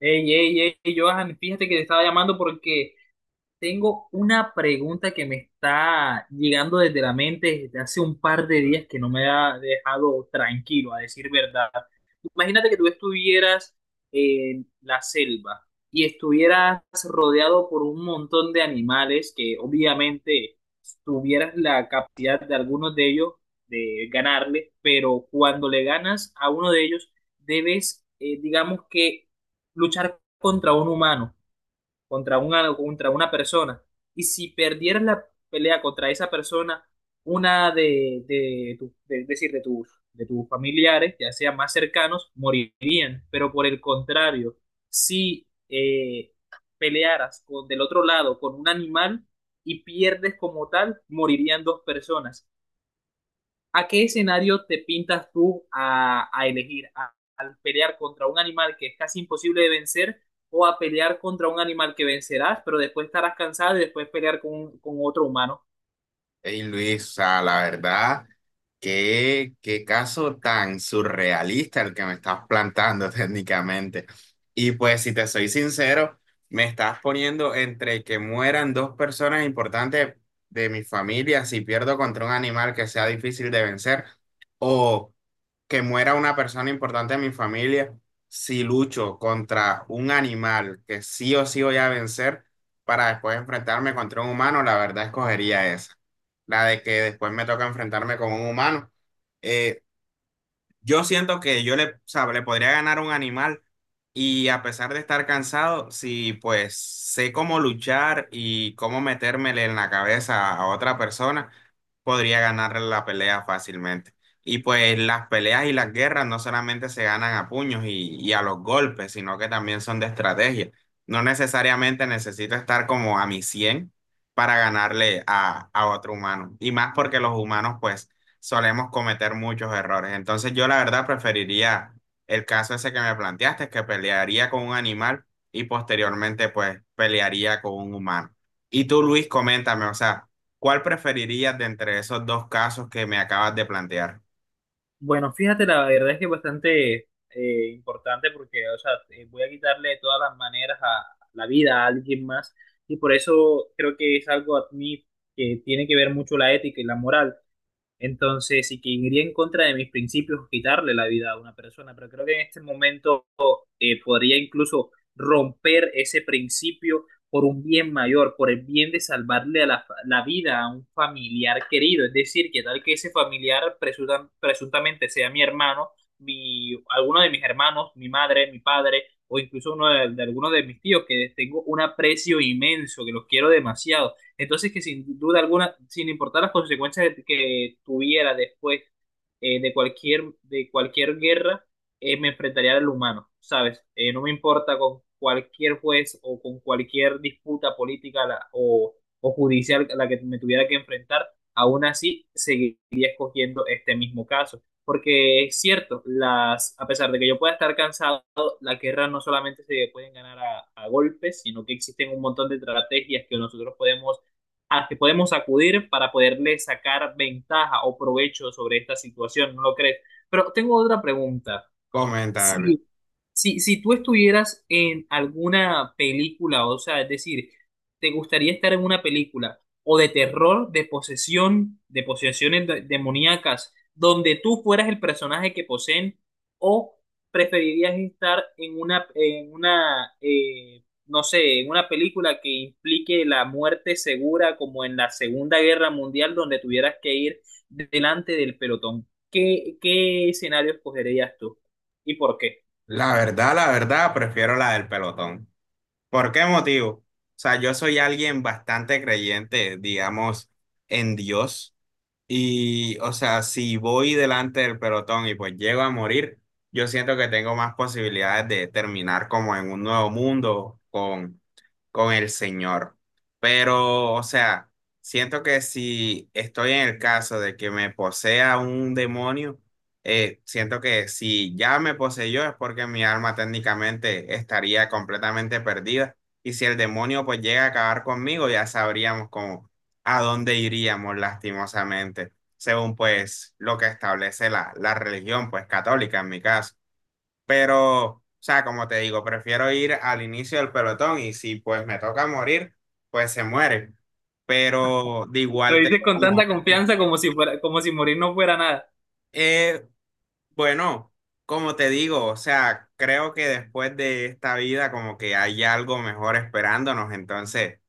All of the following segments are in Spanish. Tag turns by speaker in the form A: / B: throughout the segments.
A: Ey, ey, ey, Johan, fíjate que te estaba llamando porque tengo una pregunta que me está llegando desde la mente desde hace un par de días que no me ha dejado tranquilo, a decir verdad. Imagínate que tú estuvieras en la selva y estuvieras rodeado por un montón de animales que obviamente tuvieras la capacidad de algunos de ellos de ganarle, pero cuando le ganas a uno de ellos debes, digamos que luchar contra un humano, contra una persona. Y si perdieras la pelea contra esa persona, una de es decir, de tus familiares, ya sea más cercanos, morirían. Pero por el contrario, si pelearas con, del otro lado, con un animal y pierdes como tal, morirían dos personas. ¿A qué escenario te pintas tú a elegir? ¿A, ¿Al pelear contra un animal que es casi imposible de vencer, o a pelear contra un animal que vencerás, pero después estarás cansado y después pelear con otro humano?
B: Hey Luis, o sea, la verdad, qué caso tan surrealista el que me estás plantando técnicamente. Y pues, si te soy sincero, me estás poniendo entre que mueran dos personas importantes de mi familia si pierdo contra un animal que sea difícil de vencer, o que muera una persona importante de mi familia si lucho contra un animal que sí o sí voy a vencer para después enfrentarme contra un humano, la verdad escogería esa la de que después me toca enfrentarme con un humano. Eh, yo siento que yo o sea, le podría ganar a un animal y a pesar de estar cansado, si pues sé cómo luchar y cómo metérmele en la cabeza a otra persona, podría ganar la pelea fácilmente. Y pues las peleas y las guerras no solamente se ganan a puños y a los golpes, sino que también son de estrategia. No necesariamente necesito estar como a mi 100 para ganarle a otro humano. Y más porque los humanos pues solemos cometer muchos errores. Entonces yo la verdad preferiría el caso ese que me planteaste, que pelearía con un animal y posteriormente pues pelearía con un humano. Y tú, Luis, coméntame, o sea, ¿cuál preferirías de entre esos dos casos que me acabas de plantear?
A: Bueno, fíjate, la verdad es que es bastante importante porque, o sea, voy a quitarle de todas las maneras a la vida a alguien más, y por eso creo que es algo a mí que tiene que ver mucho la ética y la moral. Entonces, y que iría en contra de mis principios quitarle la vida a una persona, pero creo que en este momento podría incluso romper ese principio por un bien mayor, por el bien de salvarle a la, la vida a un familiar querido. Es decir, que tal que ese familiar presuntamente sea mi hermano, mi, alguno de mis hermanos, mi madre, mi padre, o incluso uno de alguno de mis tíos, que tengo un aprecio inmenso, que los quiero demasiado. Entonces, que sin duda alguna, sin importar las consecuencias que tuviera después de cualquier guerra, me enfrentaría al humano, ¿sabes? No me importa con cualquier juez o con cualquier disputa política o judicial a la que me tuviera que enfrentar, aún así seguiría escogiendo este mismo caso. Porque es cierto, las, a pesar de que yo pueda estar cansado, las guerras no solamente se pueden ganar a golpes, sino que existen un montón de estrategias que nosotros podemos, a las que podemos acudir para poderle sacar ventaja o provecho sobre esta situación, ¿no lo crees? Pero tengo otra pregunta.
B: Coméntame, Luis.
A: Sí, si, si tú estuvieras en alguna película, o sea, es decir, te gustaría estar en una película o de terror, de posesión, de posesiones demoníacas, donde tú fueras el personaje que poseen, o preferirías estar en una, no sé, en una película que implique la muerte segura, como en la Segunda Guerra Mundial, donde tuvieras que ir delante del pelotón. ¿Qué, qué escenario escogerías tú y por qué?
B: La verdad, prefiero la del pelotón. ¿Por qué motivo? O sea, yo soy alguien bastante creyente, digamos, en Dios. Y, o sea, si voy delante del pelotón y pues llego a morir, yo siento que tengo más posibilidades de terminar como en un nuevo mundo con el Señor. Pero, o sea, siento que si estoy en el caso de que me posea un demonio, siento que si ya me poseyó es porque mi alma técnicamente estaría completamente perdida. Y si el demonio pues llega a acabar conmigo, ya sabríamos cómo a dónde iríamos lastimosamente, según pues lo que establece la religión, pues católica en mi caso. Pero, o sea, como te digo, prefiero ir al inicio del pelotón y si pues me toca morir, pues se muere. Pero de
A: Lo
B: igual
A: dices
B: tengo
A: con tanta
B: como,
A: confianza como si fuera, como si morir no fuera nada.
B: eh, bueno, como te digo, o sea, creo que después de esta vida como que hay algo mejor esperándonos, entonces...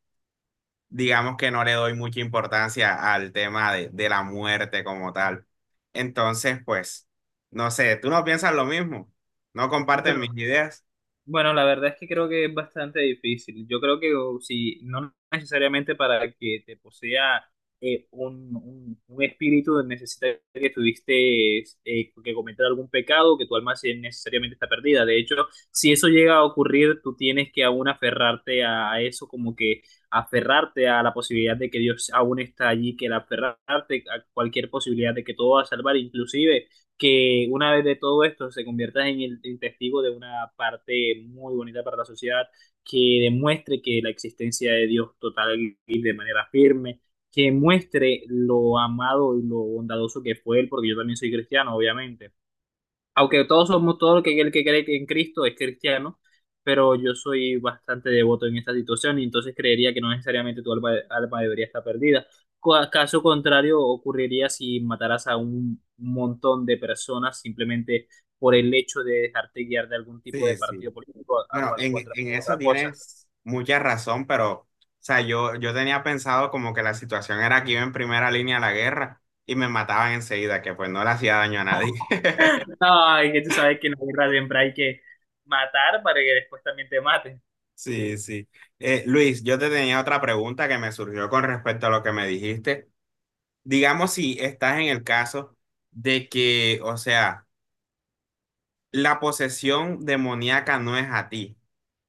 B: digamos que no le doy mucha importancia al tema de la muerte como tal. Entonces, pues, no sé, tú no piensas lo mismo, no comparten
A: Bueno,
B: mis ideas.
A: bueno, la verdad es que creo que es bastante difícil. Yo creo que o, si no necesariamente para que te posea un espíritu, necesita que tuviste que cometer algún pecado, que tu alma sí necesariamente está perdida. De hecho, si eso llega a ocurrir, tú tienes que aún aferrarte a eso, como que aferrarte a la posibilidad de que Dios aún está allí, que el aferrarte a cualquier posibilidad de que todo va a salvar, inclusive que una vez de todo esto se convierta en el en testigo de una parte muy bonita para la sociedad, que demuestre que la existencia de Dios total y de manera firme, que muestre lo amado y lo bondadoso que fue Él, porque yo también soy cristiano, obviamente, aunque todos somos, todo el que cree en Cristo es cristiano, pero yo soy bastante devoto en esta situación, y entonces creería que no necesariamente tu alma debería estar perdida. Caso contrario, ocurriría si mataras a un montón de personas simplemente por el hecho de dejarte guiar de algún tipo de
B: Sí, sí.
A: partido político o
B: Bueno,
A: alguna
B: en,
A: otra,
B: en
A: otra
B: eso
A: cosa.
B: tienes mucha razón, pero, o sea, yo tenía pensado como que la situación era que iba en primera línea a la guerra y me mataban enseguida, que pues no le hacía daño a nadie.
A: Ay, que tú sabes que en la guerra siempre hay que matar para que después también te maten.
B: Sí, sí. Luis, yo te tenía otra pregunta que me surgió con respecto a lo que me dijiste. Digamos si estás en el caso de que, o sea, la posesión demoníaca no es a ti,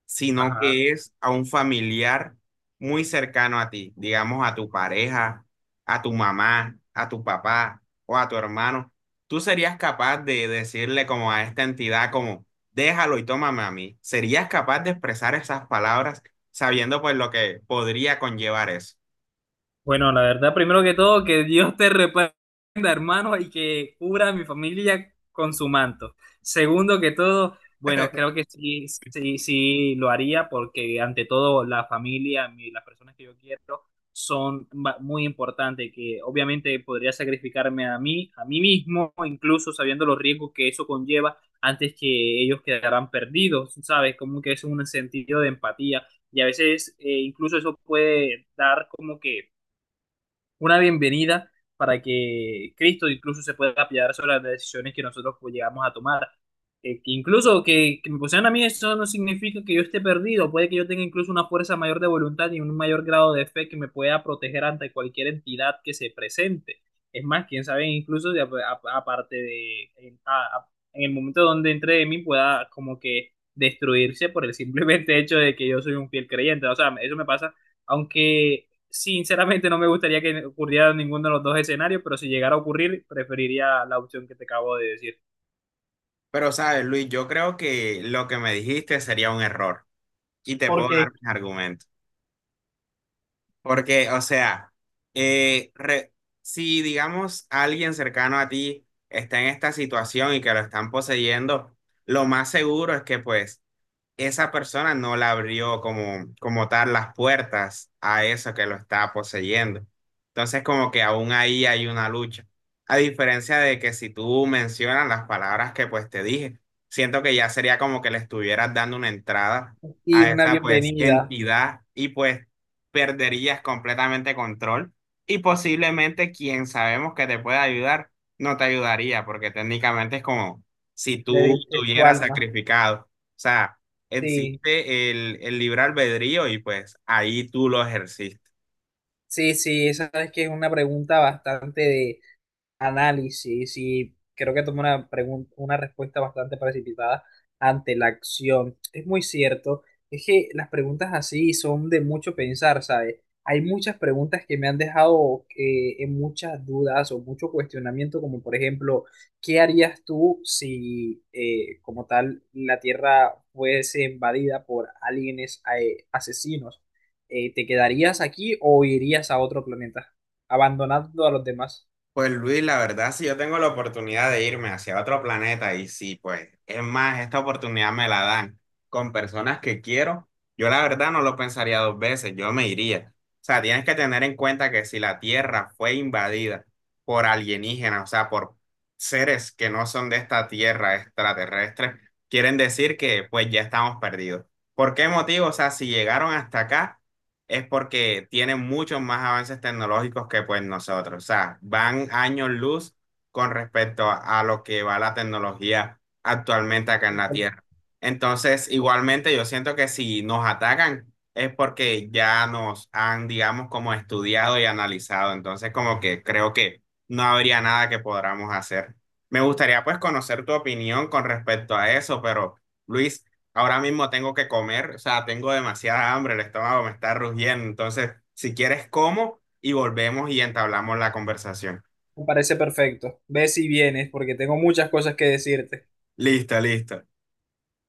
B: sino
A: Ajá.
B: que es a un familiar muy cercano a ti, digamos a tu pareja, a tu mamá, a tu papá o a tu hermano. ¿Tú serías capaz de decirle como a esta entidad como, déjalo y tómame a mí? ¿Serías capaz de expresar esas palabras sabiendo pues lo que podría conllevar eso?
A: Bueno, la verdad, primero que todo, que Dios te reprenda, hermano, y que cubra a mi familia con su manto. Segundo que todo, bueno, creo que sí, sí, sí lo haría, porque ante todo la familia, las personas que yo quiero son muy importantes, que obviamente podría sacrificarme a mí mismo, incluso sabiendo los riesgos que eso conlleva, antes que ellos quedarán perdidos, ¿sabes? Como que es un sentido de empatía. Y a veces incluso eso puede dar como que una bienvenida para que Cristo incluso se pueda apoyar sobre las decisiones que nosotros, pues, llegamos a tomar. Que incluso que me pusieran a mí eso no significa que yo esté perdido, puede que yo tenga incluso una fuerza mayor de voluntad y un mayor grado de fe que me pueda proteger ante cualquier entidad que se presente. Es más, quién sabe, incluso aparte de, en el momento donde entre de mí pueda como que destruirse por el simplemente hecho de que yo soy un fiel creyente. O sea, eso me pasa, aunque sinceramente no me gustaría que ocurriera ninguno de los dos escenarios, pero si llegara a ocurrir, preferiría la opción que te acabo de decir.
B: Pero sabes, Luis, yo creo que lo que me dijiste sería un error y te puedo dar
A: Porque
B: mis argumentos. Porque, o sea, eh, re- si digamos alguien cercano a ti está en esta situación y que lo están poseyendo, lo más seguro es que pues esa persona no le abrió como, como tal las puertas a eso que lo está poseyendo. Entonces, como que aún ahí hay una lucha. A diferencia de que si tú mencionas las palabras que pues te dije, siento que ya sería como que le estuvieras dando una entrada
A: sí,
B: a
A: una
B: esa pues
A: bienvenida,
B: entidad y pues perderías completamente control y posiblemente quien sabemos que te puede ayudar no te ayudaría porque técnicamente es como si
A: le
B: tú
A: diste tu
B: estuvieras
A: alma.
B: sacrificado. O sea,
A: Sí,
B: existe el libre albedrío y pues ahí tú lo ejerciste.
A: sí, sí, esa es que es una pregunta bastante de análisis, y creo que tomó una pregunta, una respuesta bastante precipitada ante la acción. Es muy cierto, es que las preguntas así son de mucho pensar, ¿sabes? Hay muchas preguntas que me han dejado en muchas dudas o mucho cuestionamiento, como por ejemplo, ¿qué harías tú si como tal la Tierra fuese invadida por aliens, asesinos? ¿Te quedarías aquí o irías a otro planeta, abandonando a los demás?
B: Pues Luis, la verdad, si yo tengo la oportunidad de irme hacia otro planeta y si pues es más, esta oportunidad me la dan con personas que quiero, yo la verdad no lo pensaría dos veces, yo me iría. O sea, tienes que tener en cuenta que si la Tierra fue invadida por alienígenas, o sea, por seres que no son de esta Tierra extraterrestres, quieren decir que pues ya estamos perdidos. ¿Por qué motivo? O sea, si llegaron hasta acá es porque tienen muchos más avances tecnológicos que pues nosotros. O sea, van años luz con respecto a lo que va la tecnología actualmente acá en la Tierra. Entonces, igualmente yo siento que si nos atacan es porque ya nos han, digamos, como estudiado y analizado. Entonces, como que creo que no habría nada que podamos hacer. Me gustaría pues conocer tu opinión con respecto a eso, pero Luis, ahora mismo tengo que comer, o sea, tengo demasiada hambre, el estómago me está rugiendo. Entonces, si quieres, como y volvemos y entablamos la conversación.
A: Me parece perfecto. Ve si vienes, porque tengo muchas cosas que decirte.
B: Listo, listo.